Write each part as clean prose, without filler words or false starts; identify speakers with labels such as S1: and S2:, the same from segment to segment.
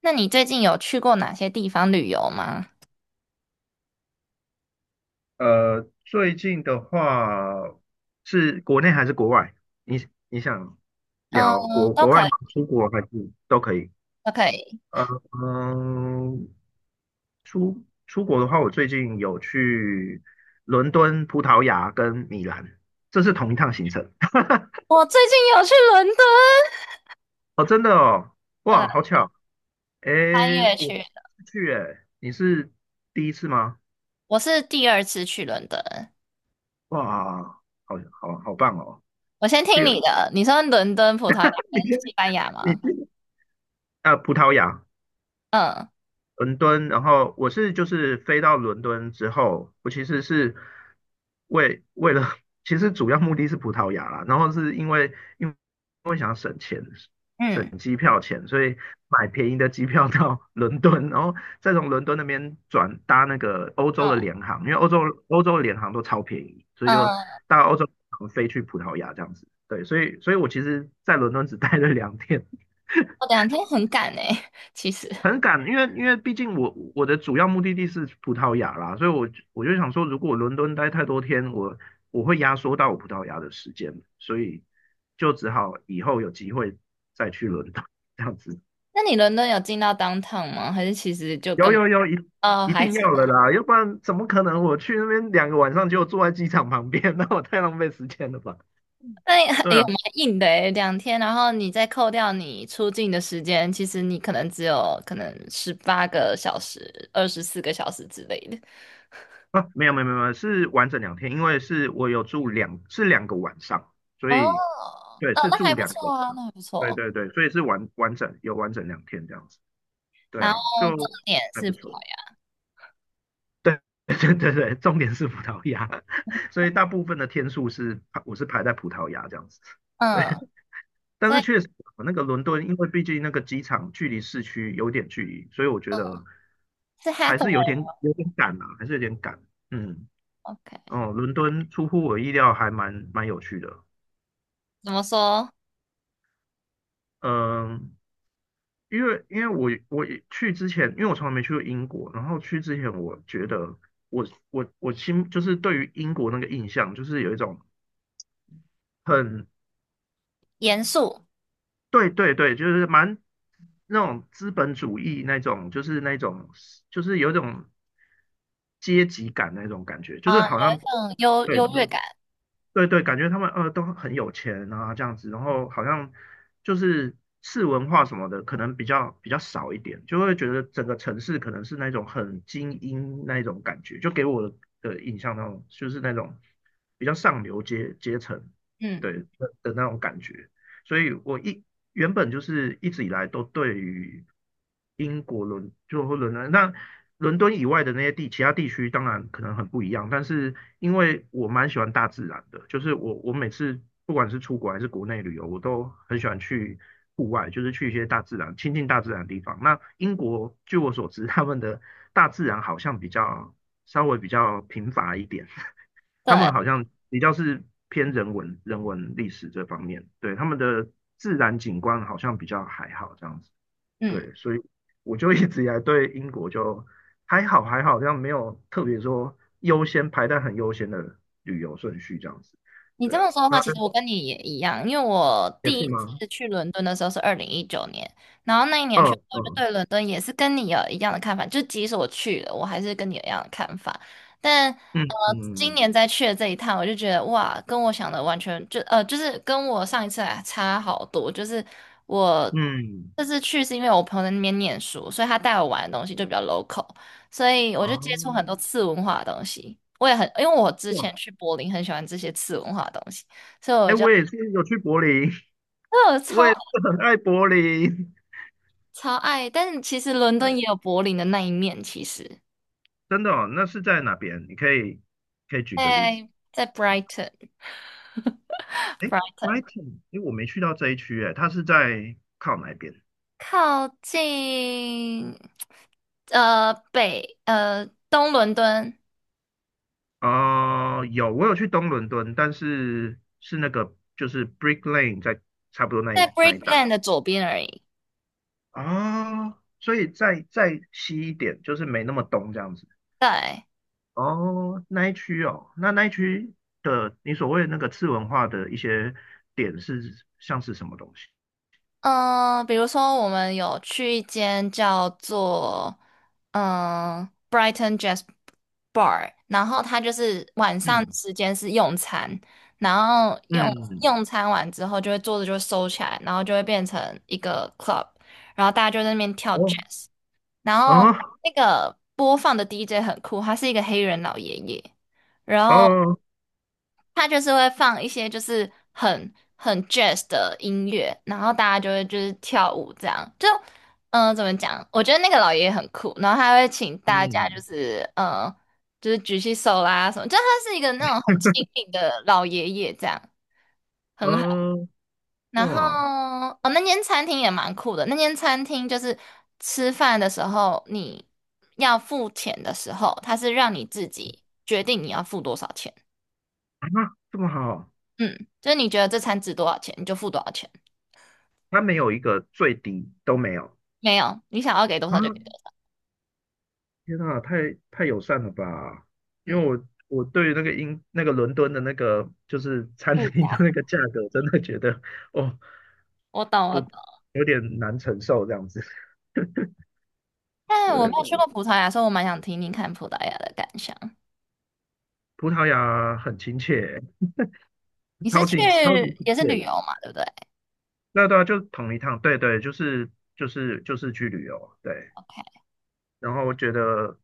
S1: 那你最近有去过哪些地方旅游吗？
S2: 呃，最近的话，是国内还是国外？你想聊
S1: 嗯，
S2: 国
S1: 都
S2: 国
S1: 可
S2: 外吗？
S1: 以，
S2: 出国还是都可以？
S1: 都可以。
S2: 呃嗯，出国的话，我最近有去伦敦、葡萄牙跟米兰，这是同一趟行程。
S1: 我最近有去伦敦，
S2: 哦，真的哦，
S1: 对，
S2: 哇，好巧！
S1: 三
S2: 诶，
S1: 月
S2: 我
S1: 去
S2: 是
S1: 的。
S2: 第一次去，诶，你是第一次吗？
S1: 我是第二次去伦敦。
S2: 哇，好棒哦！
S1: 我先听
S2: 第二，
S1: 你 的，你说伦敦、葡萄牙
S2: 你先
S1: 跟西班牙
S2: 你
S1: 吗？
S2: 先啊，葡萄牙。
S1: 嗯
S2: 伦敦，然后我是就是飞到伦敦之后，我其实是为了，其实主要目的是葡萄牙啦，然后是因为因为因为想省钱，
S1: 嗯
S2: 省机票钱，所以买便宜的机票到 伦敦，然后再从伦敦那边转搭那个欧洲的
S1: 嗯
S2: 联航，因为欧洲的联航都超便宜，所以就
S1: 嗯，
S2: 搭欧洲联航飞去葡萄牙这样子。对，所以我其实在伦敦只待了两天，
S1: 我两天很赶诶、其实。
S2: 很赶，因为毕竟我的主要目的地是葡萄牙啦，所以我就想说，如果我伦敦待太多天，我会压缩到我葡萄牙的时间，所以就只好以后有机会再去伦敦这样子。
S1: 那你伦敦有进到 downtown 吗？还是其实就
S2: 有
S1: 根本？
S2: 有有，一
S1: 哦，
S2: 一
S1: 还
S2: 定
S1: 是。
S2: 要的啦，要不然怎么可能我去那边两个晚上就坐在机场旁边？那我太浪费时间了吧？
S1: 那也很
S2: 对
S1: 也
S2: 啊。
S1: 蛮硬的诶，两天，然后你再扣掉你出境的时间，其实你可能只有可能18个小时、24个小时之类的。
S2: 啊，没有没有没有，是完整两天，因为是我有住两个晚上，所
S1: 哦，
S2: 以对
S1: 哦，
S2: 是
S1: 那还
S2: 住
S1: 不
S2: 两个
S1: 错
S2: 晚
S1: 啊，那
S2: 上，
S1: 还不
S2: 对
S1: 错。
S2: 对对，所以是完整两天这样子，对
S1: 然
S2: 啊，
S1: 后重
S2: 就
S1: 点
S2: 还
S1: 是，
S2: 不错，对 对对对，重点是葡萄牙，所以大部分的天数是排在葡萄牙这样子，对，
S1: 嗯，
S2: 但
S1: 所
S2: 是
S1: 以
S2: 确实那个伦敦，因为毕竟那个机场距离市区有点距离，所以我觉
S1: 嗯
S2: 得
S1: 是
S2: 还是有点
S1: Hathaway，OK，
S2: 有点赶啊，还是有点赶，嗯。哦，伦敦出乎我意料，还蛮有趣的。
S1: 怎么说？
S2: 嗯，因为我去之前，因为我从来没去过英国，然后去之前，我觉得我我心就是对于英国那个印象，就是有一种很
S1: 严肃
S2: 对对对，就是蛮那种资本主义那种，就是那种就是有一种阶级感那种感觉，就是
S1: 啊，
S2: 好
S1: 有一
S2: 像
S1: 种 优
S2: 对
S1: 优越感，
S2: 对对，感觉他们都很有钱啊，这样子，然后好像就是市文化什么的，可能比较少一点，就会觉得整个城市可能是那种很精英那一种感觉，就给我的印象那种就是那种比较上流阶层，
S1: 嗯，
S2: 对的那种感觉。所以我原本就是一直以来都对于英国或伦敦，那伦敦以外的那些其他地区当然可能很不一样，但是因为我蛮喜欢大自然的，就是我每次不管是出国还是国内旅游，我都很喜欢去户外，就是去一些大自然亲近大自然的地方。那英国据我所知，他们的大自然好像比较稍微比较贫乏一点，他
S1: 对，
S2: 们好像比较是偏人文、人文历史这方面，对，他们的自然景观好像比较还好这样子，
S1: 嗯，
S2: 对，所以我就一直以来对英国就还好还好，这样没有特别说优先排在很优先的旅游顺序这样子，
S1: 你这
S2: 对啊，
S1: 么说的
S2: 那
S1: 话，其实我跟你也一样，因为我
S2: 也
S1: 第一
S2: 是吗？
S1: 次去伦敦的时候是2019年，然后那一年去，
S2: 嗯，
S1: 我就
S2: 嗯，
S1: 对伦敦也是跟你有一样的看法，就即使我去了，我还是跟你有一样的看法。但呃，
S2: 嗯，
S1: 今
S2: 嗯，
S1: 年再去的这一趟，我就觉得哇，跟我想的完全就就是跟我上一次来差好多。就是我
S2: 嗯，
S1: 这次去是因为我朋友在那边念书，所以他带我玩的东西就比较 local。所以我就接触
S2: 哦，
S1: 很多次文化的东西。我也很，因为我之
S2: 哇，
S1: 前去柏林很喜欢这些次文化的东西，所以我
S2: 哎，
S1: 就，
S2: 我也是有去柏林，
S1: 那我
S2: 我
S1: 超
S2: 也是很爱柏林，
S1: 超爱。但是其实伦 敦
S2: 对，
S1: 也有柏林的那一面，其实，
S2: 真的哦，那是在哪边？你可以举个例子。
S1: 在 Brighton，Brighton
S2: 哎，Brighton，哎，我没去到这一区，哎，它是在靠哪边？
S1: 靠近呃北呃东伦敦，
S2: 哦，有，我有去东伦敦，但是是那个就是 Brick Lane 在差不多
S1: 在
S2: 那一带。
S1: Brickland 的左边而已。
S2: 哦，所以再西一点，就是没那么东这样子。
S1: 对，
S2: 哦，那一区哦，那一区的你所谓的那个次文化的一些点是像是什么东西？
S1: 嗯，比如说我们有去一间叫做嗯 Brighton Jazz Bar，然后它就是晚上
S2: 嗯
S1: 时间是用餐，然后
S2: 嗯，
S1: 用餐完之后就会桌子就会收起来，然后就会变成一个 club，然后大家就在那边跳
S2: 哦
S1: jazz，然后
S2: 哦
S1: 那个播放的 DJ 很酷，他是一个黑人老爷爷。然后。
S2: 哦，
S1: 他就是会放一些就是很 jazz 的音乐，然后大家就会就是跳舞这样。就怎么讲？我觉得那个老爷爷很酷，然后他会请大家就
S2: 嗯
S1: 是就是举起手啦什么，就他是一个那种很亲民的老爷爷这样，很好。
S2: 呃，
S1: 然后
S2: 哇
S1: 哦，那间餐厅也蛮酷的，那间餐厅就是吃饭的时候你要付钱的时候，他是让你自己决定你要付多少钱。
S2: 啊，这么好。
S1: 嗯，就是你觉得这餐值多少钱，你就付多少钱。
S2: 它没有一个最低都没有
S1: 没有，你想要给多少
S2: 啊！
S1: 就给多少。
S2: 天啊，太友善了吧！
S1: 嗯，
S2: 因为我对于那个英那个伦敦的那个就是餐
S1: 物
S2: 厅的
S1: 价。
S2: 那个价格，真的觉得哦
S1: 我懂，我
S2: 不
S1: 懂。
S2: 有点难承受这样子。
S1: 但我没有去
S2: 对，
S1: 过葡萄牙，所以我蛮想听听看葡萄牙的感想。
S2: 葡萄牙很亲切，
S1: 你是
S2: 超
S1: 去
S2: 级超级亲
S1: 也是
S2: 切
S1: 旅游
S2: 的。
S1: 嘛，对不对
S2: 那对啊，就同一趟，对对，就是去旅游，对。
S1: ？OK，
S2: 然后我觉得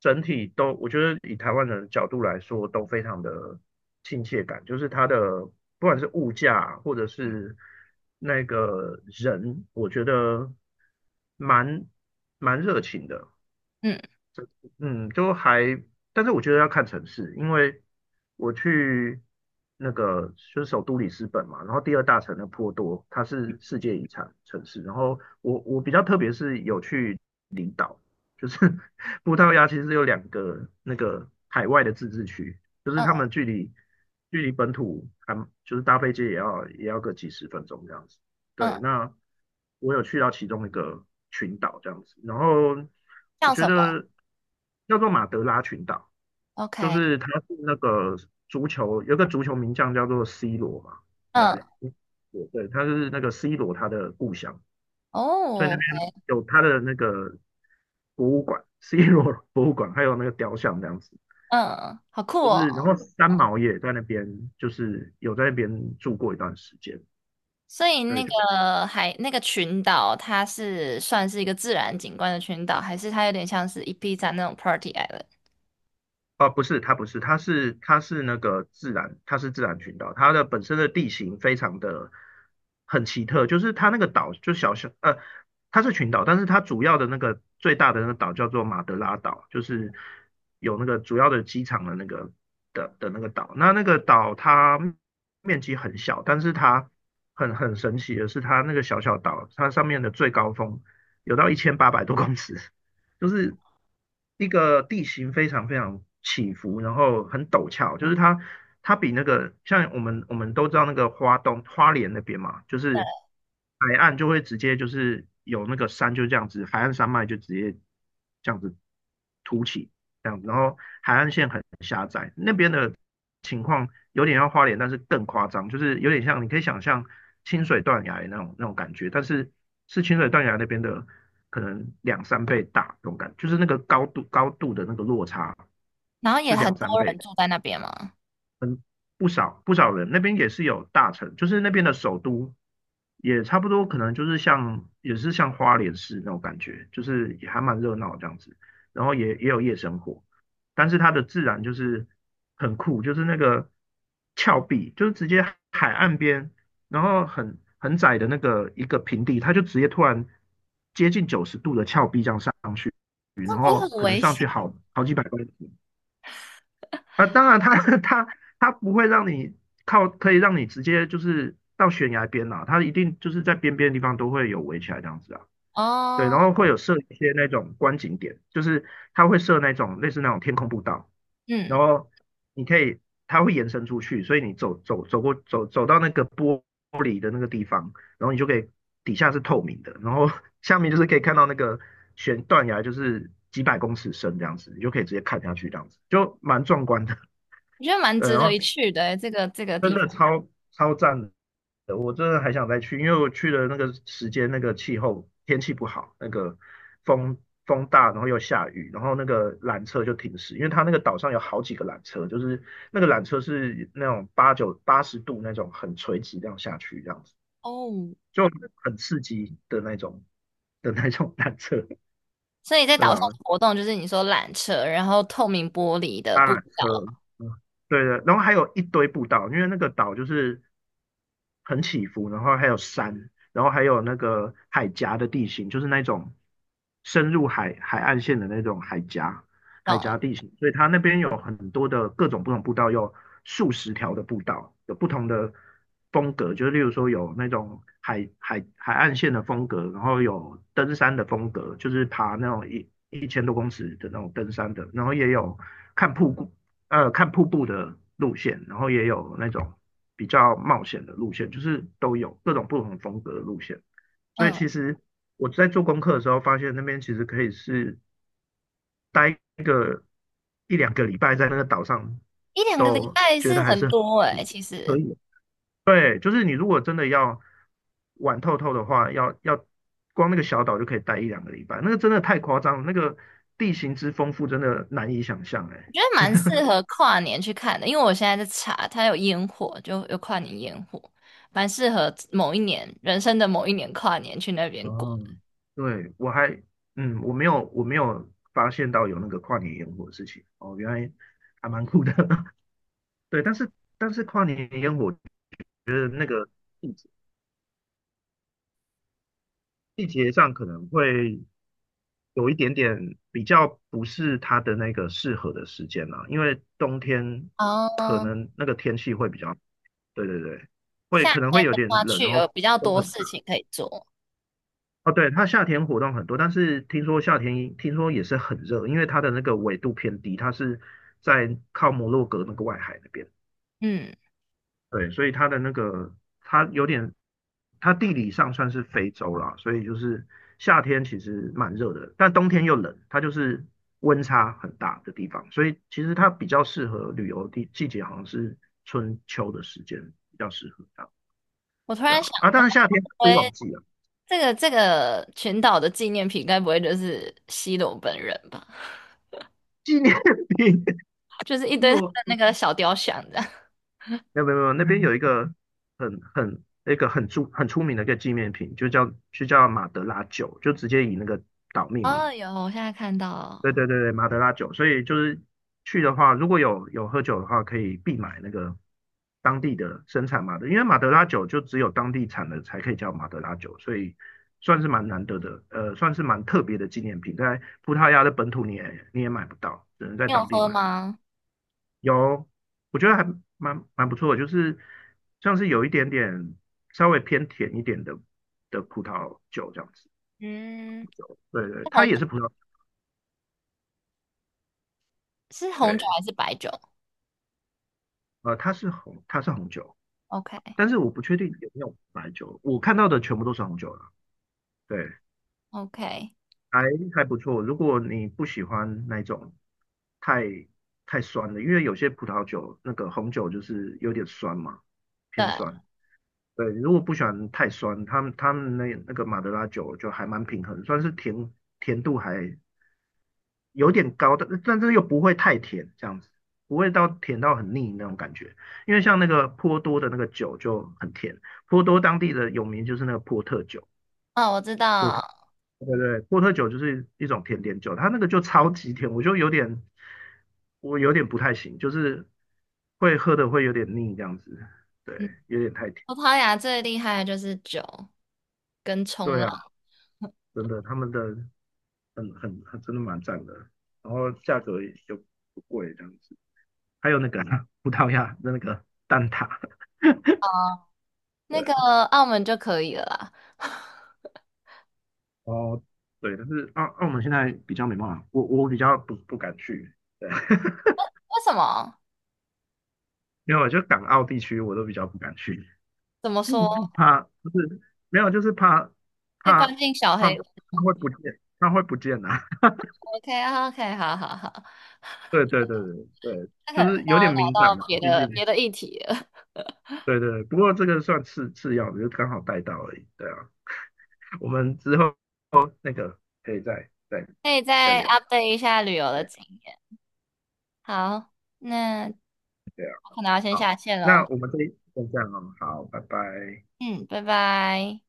S2: 整体都，我觉得以台湾人的角度来说，都非常的亲切感，就是它的不管是物价或者是那个人，我觉得蛮蛮热情的，
S1: 嗯
S2: 嗯，就还，但是我觉得要看城市，因为我去那个就是首都里斯本嘛，然后第二大城的波多，它是世界遗产城市，然后我比较特别是有去。群岛，就是 葡萄牙其实有2个那个海外的自治区，就是
S1: 嗯
S2: 他们距离本土还就是搭飞机也要个几十分钟这样子。
S1: 嗯，
S2: 对，那我有去到其中一个群岛这样子，然后我
S1: 叫什
S2: 觉
S1: 么
S2: 得叫做马德拉群岛，就
S1: ？OK，
S2: 是它是那个足球有个足球名将叫做 C 罗嘛，应
S1: 嗯
S2: 该对对，他是那个 C 罗他的故乡。所以那
S1: 哦，
S2: 边有它的那个博物馆，C 罗博物馆，还有那个雕像这样子。
S1: 嗯，好酷
S2: 就是然
S1: 哦。
S2: 后三毛也在那边，就是有在那边住过一段时间。
S1: 所以
S2: 对，
S1: 那
S2: 就
S1: 个海那个群岛，它是算是一个自然景观的群岛，还是它有点像是一 p 站那种 party island？
S2: 哦，不是，它不是，它是那个自然，它是自然群岛，它的本身的地形非常的很奇特，就是它那个岛就小小，它是群岛，但是它主要的那个最大的那个岛叫做马德拉岛，就是有那个主要的机场的那个那个岛。那那个岛它面积很小，但是它很神奇的是，它那个小小岛，它上面的最高峰有到1800多公尺，就是一个地形非常非常起伏，然后很陡峭，就是它比那个像我们都知道那个花东花莲那边嘛，就
S1: 对，
S2: 是海岸就会直接就是有那个山就这样子，海岸山脉就直接这样子凸起这样子，然后海岸线很狭窄，那边的情况有点像花莲，但是更夸张，就是有点像你可以想象清水断崖那种感觉，但是是清水断崖那边的。可能两三倍大，这种感觉，就是那个高度的那个落差
S1: 然后也
S2: 是
S1: 很
S2: 两
S1: 多
S2: 三
S1: 人
S2: 倍，
S1: 住在那边吗？
S2: 不少人那边也是有大城，就是那边的首都也差不多，可能就是像也是像花莲市那种感觉，就是也还蛮热闹这样子，然后也有夜生活，但是它的自然就是很酷，就是那个峭壁，就是直接海岸边，然后很窄的那个一个平地，它就直接突然接近90度的峭壁这样上去。然
S1: 那不会
S2: 后
S1: 很
S2: 可能
S1: 危
S2: 上去
S1: 险？
S2: 好几百万啊。当然它，它不会让你靠，可以让你直接就是到悬崖边啊，它一定就是在边边的地方都会有围起来这样子啊。对，
S1: 哦，
S2: 然后会有设一些那种观景点，就是它会设那种类似那种天空步道，
S1: 嗯，
S2: 然后你可以，它会延伸出去，所以你走走走过走走到那个玻璃的那个地方，然后你就可以底下是透明的，然后 下面就是可以看到那个悬断崖，就是几百公尺深这样子，你就可以直接看下去这样子，就蛮壮观的。
S1: 我觉得 蛮
S2: 对，
S1: 值
S2: 然
S1: 得
S2: 后
S1: 一去的诶这个这个
S2: 真
S1: 地
S2: 的
S1: 方
S2: 超赞的，我真的还想再去，因为我去的那个时间，那个气候天气不好，那个风风大，然后又下雨，然后那个缆车就停驶，因为它那个岛上有好几个缆车，就是那个缆车是那种八十度那种很垂直这样下去，这样子
S1: 哦。
S2: 就很刺激的那种缆车，
S1: 所以在岛
S2: 对
S1: 上
S2: 啊，
S1: 的活动就是你说缆车，然后透明玻璃的
S2: 搭
S1: 步
S2: 缆
S1: 道，
S2: 车，嗯，对的，然后还有一堆步道，因为那个岛就是很起伏，然后还有山，然后还有那个海峡的地形，就是那种深入海岸线的那种海峡海
S1: 哦
S2: 峡地形，所以它那边有很多的各种不同步道，有数十条的步道，有不同的风格，就是例如说有那种海岸线的风格，然后有登山的风格，就是爬那种一千多公尺的那种登山的，然后也有看瀑布看瀑布的路线，然后也有那种比较冒险的路线，就是都有各种不同风格的路线。所以
S1: 嗯，
S2: 其实我在做功课的时候，发现那边其实可以是待一两个礼拜在那个岛上，
S1: 一两个礼
S2: 都
S1: 拜
S2: 觉
S1: 是
S2: 得还
S1: 很
S2: 是
S1: 多诶，其
S2: 可
S1: 实
S2: 以对，就是你如果真的要玩透透的话，要光那个小岛就可以待一两个礼拜，那个真的太夸张了，那个地形之丰富真的难以想象
S1: 我
S2: 哎、
S1: 觉得蛮适合跨年去看的，因为我现在在查，它有烟火，就有跨年烟火，蛮适合某一年人生的某一年跨年去那边过。
S2: 哦，对，嗯，我没有发现到有那个跨年烟火的事情哦，原来还蛮酷的。对，但是跨年烟火的那个季节季节上可能会有一点点比较不是它的那个适合的时间啦、因为冬天可
S1: 哦，
S2: 能那个天气会比较，对对对，会
S1: 夏
S2: 可能会
S1: 天
S2: 有
S1: 的
S2: 点
S1: 话
S2: 冷，
S1: 去
S2: 然
S1: 有
S2: 后
S1: 比较
S2: 风
S1: 多
S2: 很
S1: 事情可以做。
S2: 哦，对，它夏天活动很多，但是听说夏天听说也是很热，因为它的那个纬度偏低，它是在靠摩洛哥那个外海那边，
S1: 嗯，
S2: 对，所以它的那个它有点，它地理上算是非洲啦，所以就是夏天其实蛮热的，但冬天又冷，它就是温差很大的地方，所以其实它比较适合旅游的季节，好像是春秋的时间比较适合这样，
S1: 我突
S2: 对
S1: 然想
S2: 啊，啊，当
S1: 到。
S2: 然夏天是旺季啊，
S1: 这个这个群岛的纪念品，该不会就是西罗本人吧？
S2: 纪念品，
S1: 就是一
S2: 因
S1: 堆
S2: 为
S1: 他的
S2: 我
S1: 那个小雕像这样。
S2: 没有，那边有一个很很那个很出很出名的一个纪念品，就叫马德拉酒，就直接以那个岛 命名。
S1: 哦，有，我现在看
S2: 对
S1: 到。
S2: 对对对，马德拉酒。所以就是去的话，如果有喝酒的话，可以必买那个当地的生产马德，因为马德拉酒就只有当地产的才可以叫马德拉酒，所以算是蛮难得的，呃，算是蛮特别的纪念品，在葡萄牙的本土你也买不到，只能在
S1: 你有
S2: 当地
S1: 喝
S2: 买。
S1: 吗？
S2: 有，我觉得还蛮不错的，就是像是有一点点稍微偏甜一点的葡萄酒这样子。
S1: 嗯，
S2: 对对，
S1: 是
S2: 它
S1: 红
S2: 也是葡萄，
S1: 是红酒
S2: 对，
S1: 还是白酒
S2: 呃，它是红酒，
S1: ？OK
S2: 但是我不确定有没有白酒，我看到的全部都是红酒了。对，
S1: OK，
S2: 还还不错。如果你不喜欢那种太太酸的，因为有些葡萄酒那个红酒就是有点酸嘛，
S1: 对，
S2: 偏酸。对，如果不喜欢太酸，他们那个马德拉酒就还蛮平衡，算是甜度还有点高，但是又不会太甜，这样子不会到甜到很腻那种感觉。因为像那个波多的那个酒就很甜，波多当地的有名就是那个波特酒，
S1: 哦，我知
S2: 波特
S1: 道。
S2: 对对对，波特酒就是一种甜点酒，它那个就超级甜，我有点不太行，就是会喝的会有点腻这样子，对，
S1: 嗯，
S2: 有点太甜。
S1: 葡萄牙最厉害的就是酒跟冲
S2: 对啊，
S1: 浪，
S2: 真的，他们的很真的蛮赞的，然后价格也就不贵这样子。还有那个啊葡萄牙的那个蛋挞，对
S1: 那个
S2: 啊
S1: 澳门就可以了啦。
S2: 哦对，但是澳门现在比较没办法，我比较不敢去，对，
S1: 为什么？
S2: 因为我就港澳地区我都比较不敢去，
S1: 怎么说？
S2: 怕就是没有就是
S1: 被
S2: 怕
S1: 关进小
S2: 怕
S1: 黑
S2: 怕
S1: 屋
S2: 会不见，怕会不见啊，
S1: ？OK OK，好好好，
S2: 对对对对对，
S1: 那可
S2: 就
S1: 能是
S2: 是有
S1: 要
S2: 点
S1: 聊
S2: 敏感
S1: 到
S2: 嘛，
S1: 别
S2: 毕竟
S1: 的别的议题了。
S2: 对对，不过这个算次要的，就刚好带到而已，对啊。我们之后那个可以再再
S1: 可以
S2: 再
S1: 再
S2: 聊。
S1: update 一下旅游的
S2: 对
S1: 经验。好，那我
S2: 对啊，
S1: 可能要先
S2: 好，
S1: 下线喽。
S2: 那我们这一就这样哦，好，拜拜。
S1: 嗯，拜拜。